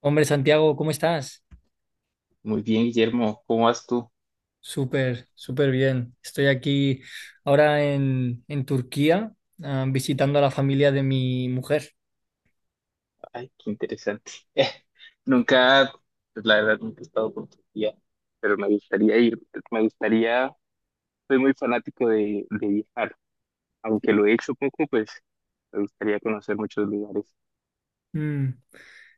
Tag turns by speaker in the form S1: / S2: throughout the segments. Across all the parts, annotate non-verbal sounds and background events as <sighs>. S1: Hombre, Santiago, ¿cómo estás?
S2: Muy bien, Guillermo, ¿cómo vas tú?
S1: Súper, súper bien. Estoy aquí ahora en Turquía, visitando a la familia de mi mujer.
S2: Ay, qué interesante. <laughs> nunca, pues la verdad, nunca he estado por Turquía, pero me gustaría ir. Me gustaría, soy muy fanático de viajar, aunque lo he hecho poco, pues me gustaría conocer muchos lugares.
S1: Mm.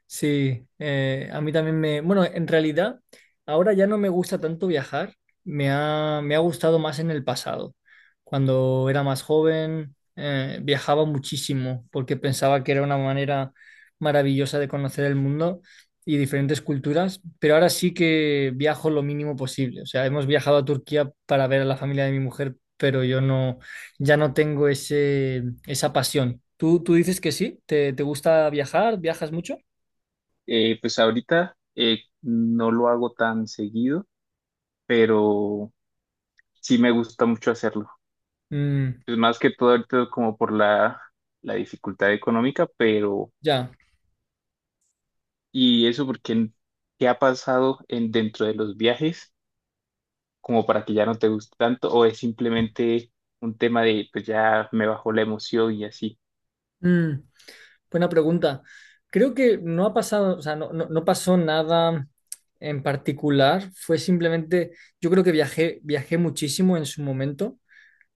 S1: Sí, a mí también me... Bueno, en realidad, ahora ya no me gusta tanto viajar, me ha gustado más en el pasado. Cuando era más joven, viajaba muchísimo porque pensaba que era una manera maravillosa de conocer el mundo y diferentes culturas, pero ahora sí que viajo lo mínimo posible. O sea, hemos viajado a Turquía para ver a la familia de mi mujer, pero yo no, ya no tengo esa pasión. ¿Tú dices que sí? ¿Te gusta viajar? ¿Viajas mucho?
S2: Pues ahorita no lo hago tan seguido, pero sí me gusta mucho hacerlo.
S1: Mm,
S2: Pues más que todo ahorita como por la dificultad económica, pero
S1: ya.
S2: y eso porque, ¿qué ha pasado en, dentro de los viajes, como para que ya no te guste tanto, o es simplemente un tema de pues ya me bajó la emoción y así?
S1: Mm, buena pregunta. Creo que no ha pasado, o sea, no pasó nada en particular. Fue simplemente, yo creo que viajé muchísimo en su momento.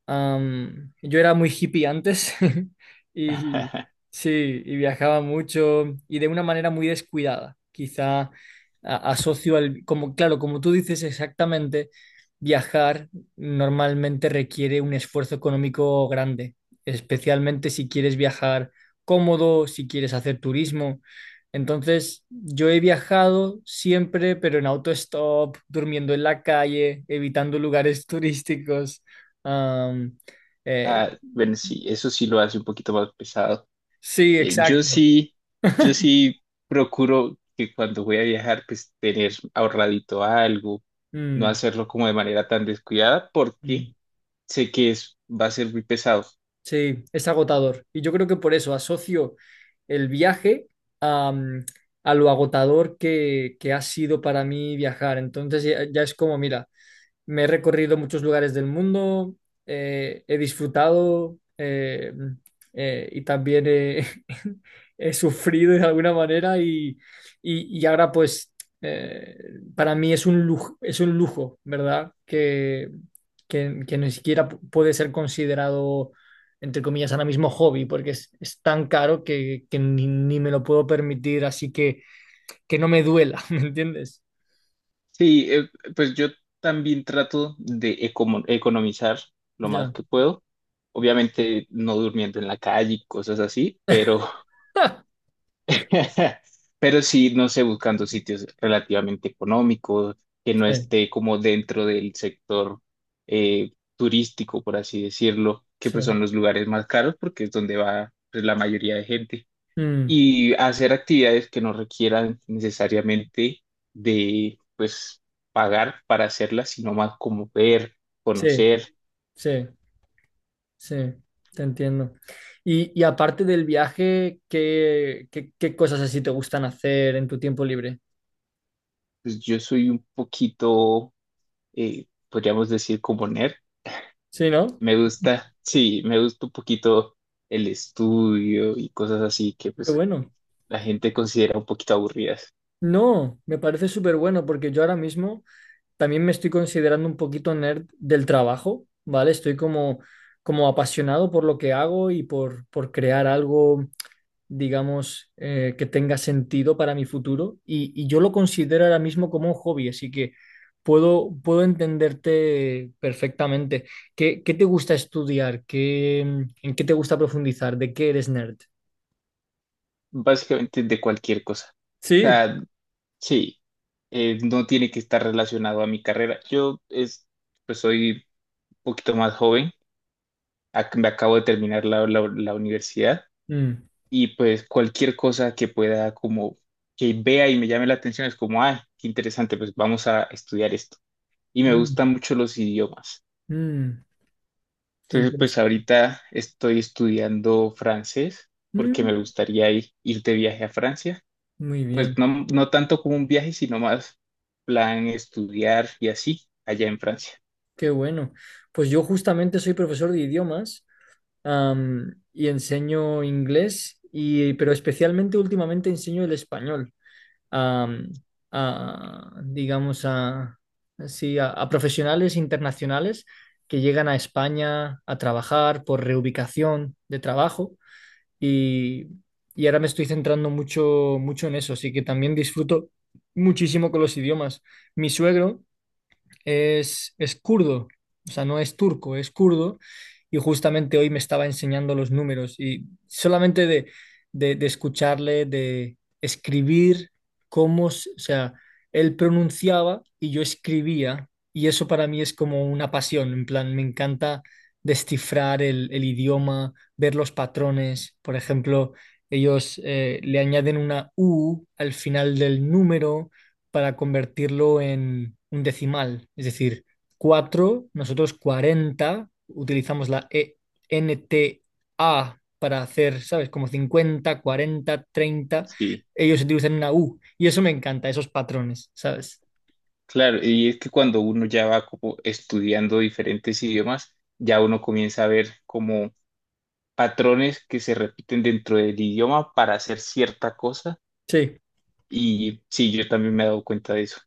S1: Yo era muy hippie antes <laughs> y
S2: <laughs>
S1: sí, y viajaba mucho y de una manera muy descuidada. Quizá asocio al, como, claro, como tú dices exactamente, viajar normalmente requiere un esfuerzo económico grande, especialmente si quieres viajar cómodo, si quieres hacer turismo. Entonces, yo he viajado siempre, pero en autostop, durmiendo en la calle, evitando lugares <laughs> turísticos. Am, eh,
S2: Ah, bueno, sí, eso sí lo hace un poquito más pesado.
S1: sí,
S2: Eh, yo
S1: exacto.
S2: sí, yo sí procuro que cuando voy a viajar, pues tener ahorradito algo, no
S1: Mm,
S2: hacerlo como de manera tan descuidada, porque
S1: mm.
S2: sé que es, va a ser muy pesado.
S1: Sí, es agotador. Y yo creo que por eso asocio el viaje am, a, lo agotador que ha sido para mí viajar. Entonces ya es como, mira, me he recorrido muchos lugares del mundo, he disfrutado y también he, <laughs> he sufrido de alguna manera y ahora pues eh, para mí es un lujo, ¿verdad? Que ni siquiera puede ser considerado, entre comillas, ahora mismo hobby, porque es tan caro que ni me lo puedo permitir, así que no me duela, <laughs> ¿me entiendes?
S2: Sí, pues yo también trato de economizar lo más
S1: Ya.
S2: que puedo. Obviamente no durmiendo en la calle y cosas así, pero
S1: <laughs>
S2: <laughs> pero sí, no sé, buscando sitios relativamente económicos, que no
S1: Sí,
S2: esté como dentro del sector turístico, por así decirlo, que pues
S1: sí.
S2: son los lugares más caros porque es donde va, pues, la mayoría de gente,
S1: Mm.
S2: y hacer actividades que no requieran necesariamente de, pues, pagar para hacerlas, sino más como ver,
S1: Sí,
S2: conocer.
S1: sí, sí, te entiendo. Y aparte del viaje, qué cosas así te gustan hacer en tu tiempo libre?
S2: Pues yo soy un poquito, podríamos decir, como nerd.
S1: Sí, ¿no?
S2: Me gusta, sí, me gusta un poquito el estudio y cosas así que,
S1: Qué
S2: pues,
S1: bueno.
S2: la gente considera un poquito aburridas.
S1: No, me parece súper bueno porque yo ahora mismo también me estoy considerando un poquito nerd del trabajo, ¿vale? Estoy como, como apasionado por lo que hago por crear algo digamos, que tenga sentido para mi futuro y yo lo considero ahora mismo como un hobby, así que puedo entenderte perfectamente. ¿Qué, qué te gusta estudiar? ¿Qué, mm, en qué te gusta profundizar? ¿De qué eres nerd?
S2: Básicamente de cualquier cosa. O
S1: Sí,
S2: sea, sí, no tiene que estar relacionado a mi carrera. Yo es, pues soy poquito más joven. Me acabo de terminar la universidad,
S1: mm,
S2: y pues cualquier cosa que pueda como que vea y me llame la atención es como, ah, qué interesante, pues vamos a estudiar esto. Y me
S1: mm,
S2: gustan mucho los idiomas.
S1: mm, qué
S2: Entonces, pues
S1: interesante.
S2: ahorita estoy estudiando francés, porque me
S1: Mm,
S2: gustaría ir de viaje a Francia.
S1: muy
S2: Pues
S1: bien,
S2: no, no tanto como un viaje, sino más plan estudiar y así allá en Francia.
S1: qué bueno. Pues yo justamente soy profesor de idiomas, y enseño inglés, y, pero especialmente últimamente enseño el español. A, a, digamos, a, sí, a profesionales internacionales que llegan a España a trabajar por reubicación de trabajo y, y ahora me estoy centrando mucho, mucho en eso, así que también disfruto muchísimo con los idiomas. Mi suegro es kurdo, o sea, no es turco, es kurdo. Y justamente hoy me estaba enseñando los números y solamente de escucharle, de escribir cómo, o sea, él pronunciaba y yo escribía. Y eso para mí es como una pasión, en plan, me encanta descifrar el idioma, ver los patrones. Por ejemplo, ellos le añaden una U al final del número para convertirlo en un decimal. Es decir, 4 nosotros 40 utilizamos la e NTA para hacer, ¿sabes? Como 50 40 treinta
S2: Sí.
S1: ellos utilizan una U. Y eso me encanta, esos patrones, ¿sabes?
S2: Claro, y es que cuando uno ya va como estudiando diferentes idiomas, ya uno comienza a ver como patrones que se repiten dentro del idioma para hacer cierta cosa.
S1: Sí.
S2: Y sí, yo también me he dado cuenta de eso.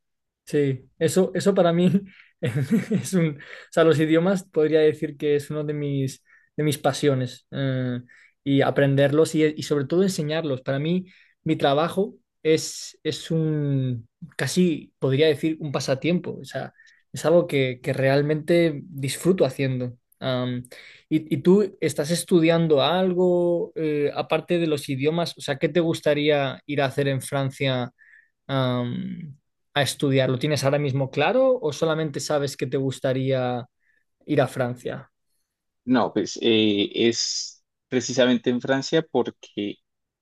S1: Sí, eso para mí <laughs> es un, o sea, los idiomas podría decir que es uno de mis pasiones y aprenderlos y sobre todo enseñarlos. Para mí, mi trabajo es un, casi podría decir un pasatiempo, o sea, es algo que realmente disfruto haciendo. Y tú estás estudiando algo aparte de los idiomas? O sea, ¿qué te gustaría ir a hacer en Francia? am, a estudiar? ¿Lo tienes ahora mismo claro o solamente sabes que te gustaría ir a Francia?
S2: No, pues es precisamente en Francia porque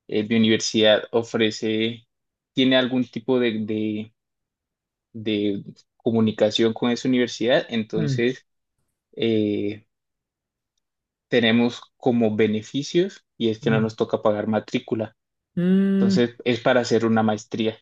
S2: mi universidad ofrece, tiene algún tipo de comunicación con esa universidad,
S1: Mm,
S2: entonces eh, tenemos como beneficios y es que no
S1: mm.
S2: nos toca pagar matrícula.
S1: Mm,
S2: Entonces, es para hacer una maestría.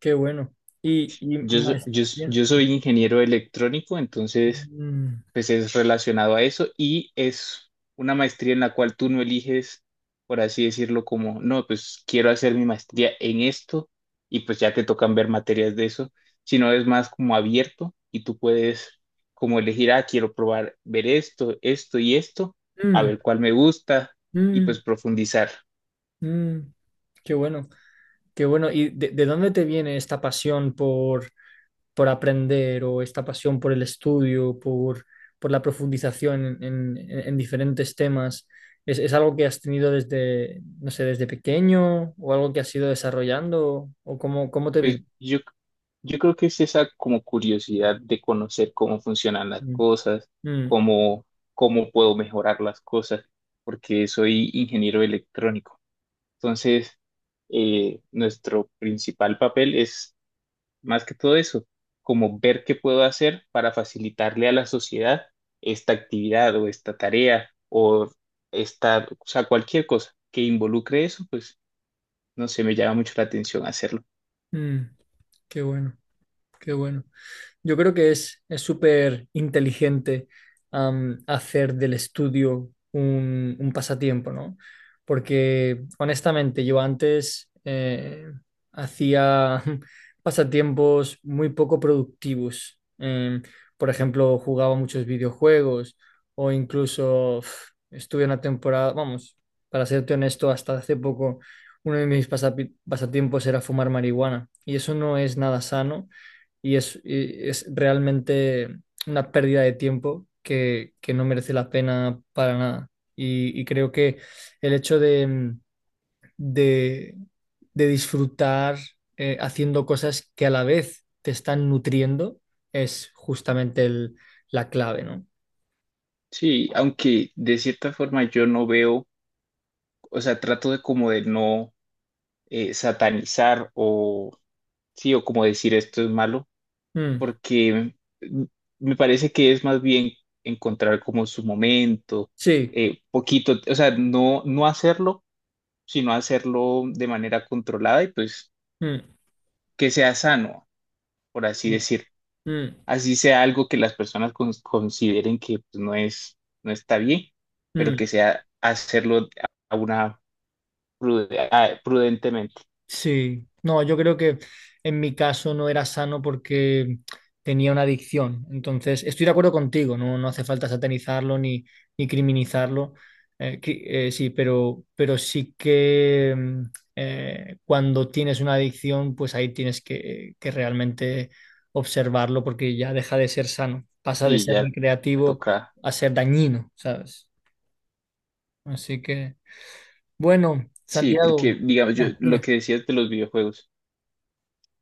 S1: qué bueno. Y
S2: Yo, so- yo, s-
S1: maestría.
S2: yo soy ingeniero electrónico, entonces
S1: Mm,
S2: pues es relacionado a eso, y es una maestría en la cual tú no eliges, por así decirlo, como, no, pues quiero hacer mi maestría en esto y pues ya te tocan ver materias de eso, sino es más como abierto y tú puedes como elegir, ah, quiero probar ver esto, esto y esto, a
S1: mm,
S2: ver cuál me gusta y
S1: mm,
S2: pues profundizar.
S1: mm. Qué bueno, qué bueno. ¿Y de dónde te viene esta pasión por aprender o esta pasión por el estudio, por la profundización en, en diferentes temas, es algo que has tenido desde, no sé, desde pequeño o algo que has ido desarrollando o cómo, cómo te
S2: Pues
S1: vino?
S2: yo, yo creo que es esa como curiosidad de conocer cómo funcionan las
S1: Mm,
S2: cosas,
S1: mm,
S2: cómo, cómo puedo mejorar las cosas, porque soy ingeniero electrónico. Entonces, nuestro principal papel es más que todo eso, como ver qué puedo hacer para facilitarle a la sociedad esta actividad, o esta tarea, o esta, o sea, cualquier cosa que involucre eso, pues no sé, me llama mucho la atención hacerlo.
S1: mm, qué bueno, qué bueno. Yo creo que es súper inteligente hacer del estudio un pasatiempo, ¿no? Porque honestamente yo antes hacía <laughs> pasatiempos muy poco productivos. Por ejemplo, jugaba muchos videojuegos o incluso <sighs> uf, estuve una temporada, vamos, para serte honesto, hasta hace poco uno de mis pasatiempos era fumar marihuana y eso no es nada sano y y es realmente una pérdida de tiempo que no merece la pena para nada. Y creo que el hecho de, mm, de, de disfrutar haciendo cosas que a la vez te están nutriendo es justamente la clave, ¿no?
S2: Sí, aunque de cierta forma yo no veo, o sea, trato de como de no satanizar, o sí, o como decir esto es malo,
S1: Mm,
S2: porque mm, me parece que es más bien encontrar como su momento,
S1: sí.
S2: poquito, o sea, no, no hacerlo, sino hacerlo de manera controlada y pues
S1: Mm,
S2: que sea sano, por así
S1: mm,
S2: decir.
S1: mm,
S2: Así sea algo que las personas consideren que pues, no es, no está bien, pero que
S1: mm.
S2: sea hacerlo a una prudentemente.
S1: Sí, no, yo creo que en mi caso no era sano porque tenía una adicción. Entonces, estoy de acuerdo contigo, no, no hace falta satanizarlo ni, ni criminalizarlo. Sí, pero sí que mm, cuando tienes una adicción, pues ahí tienes que realmente observarlo porque ya deja de ser sano, pasa de
S2: Sí,
S1: ser
S2: ya
S1: recreativo
S2: toca.
S1: a ser dañino, ¿sabes? Así que, bueno,
S2: Sí, porque
S1: Santiago,
S2: digamos, yo
S1: ah,
S2: lo
S1: dime,
S2: que decías de los videojuegos,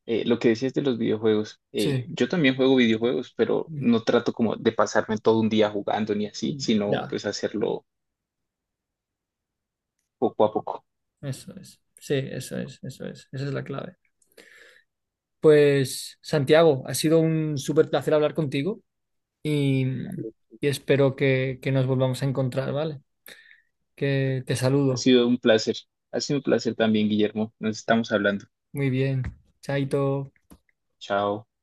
S2: lo que decías de los videojuegos,
S1: sí.
S2: yo también juego videojuegos, pero no trato como de pasarme todo un día jugando ni así, sino
S1: Ya.
S2: pues hacerlo poco a poco.
S1: Eso es. Sí, eso es, eso es. Esa es la clave. Pues, Santiago, ha sido un súper placer hablar contigo y, y espero que nos volvamos a encontrar, ¿vale? Que te
S2: Ha
S1: saludo.
S2: sido un placer, ha sido un placer también, Guillermo. Nos estamos hablando.
S1: Muy bien. Chaito.
S2: Chao.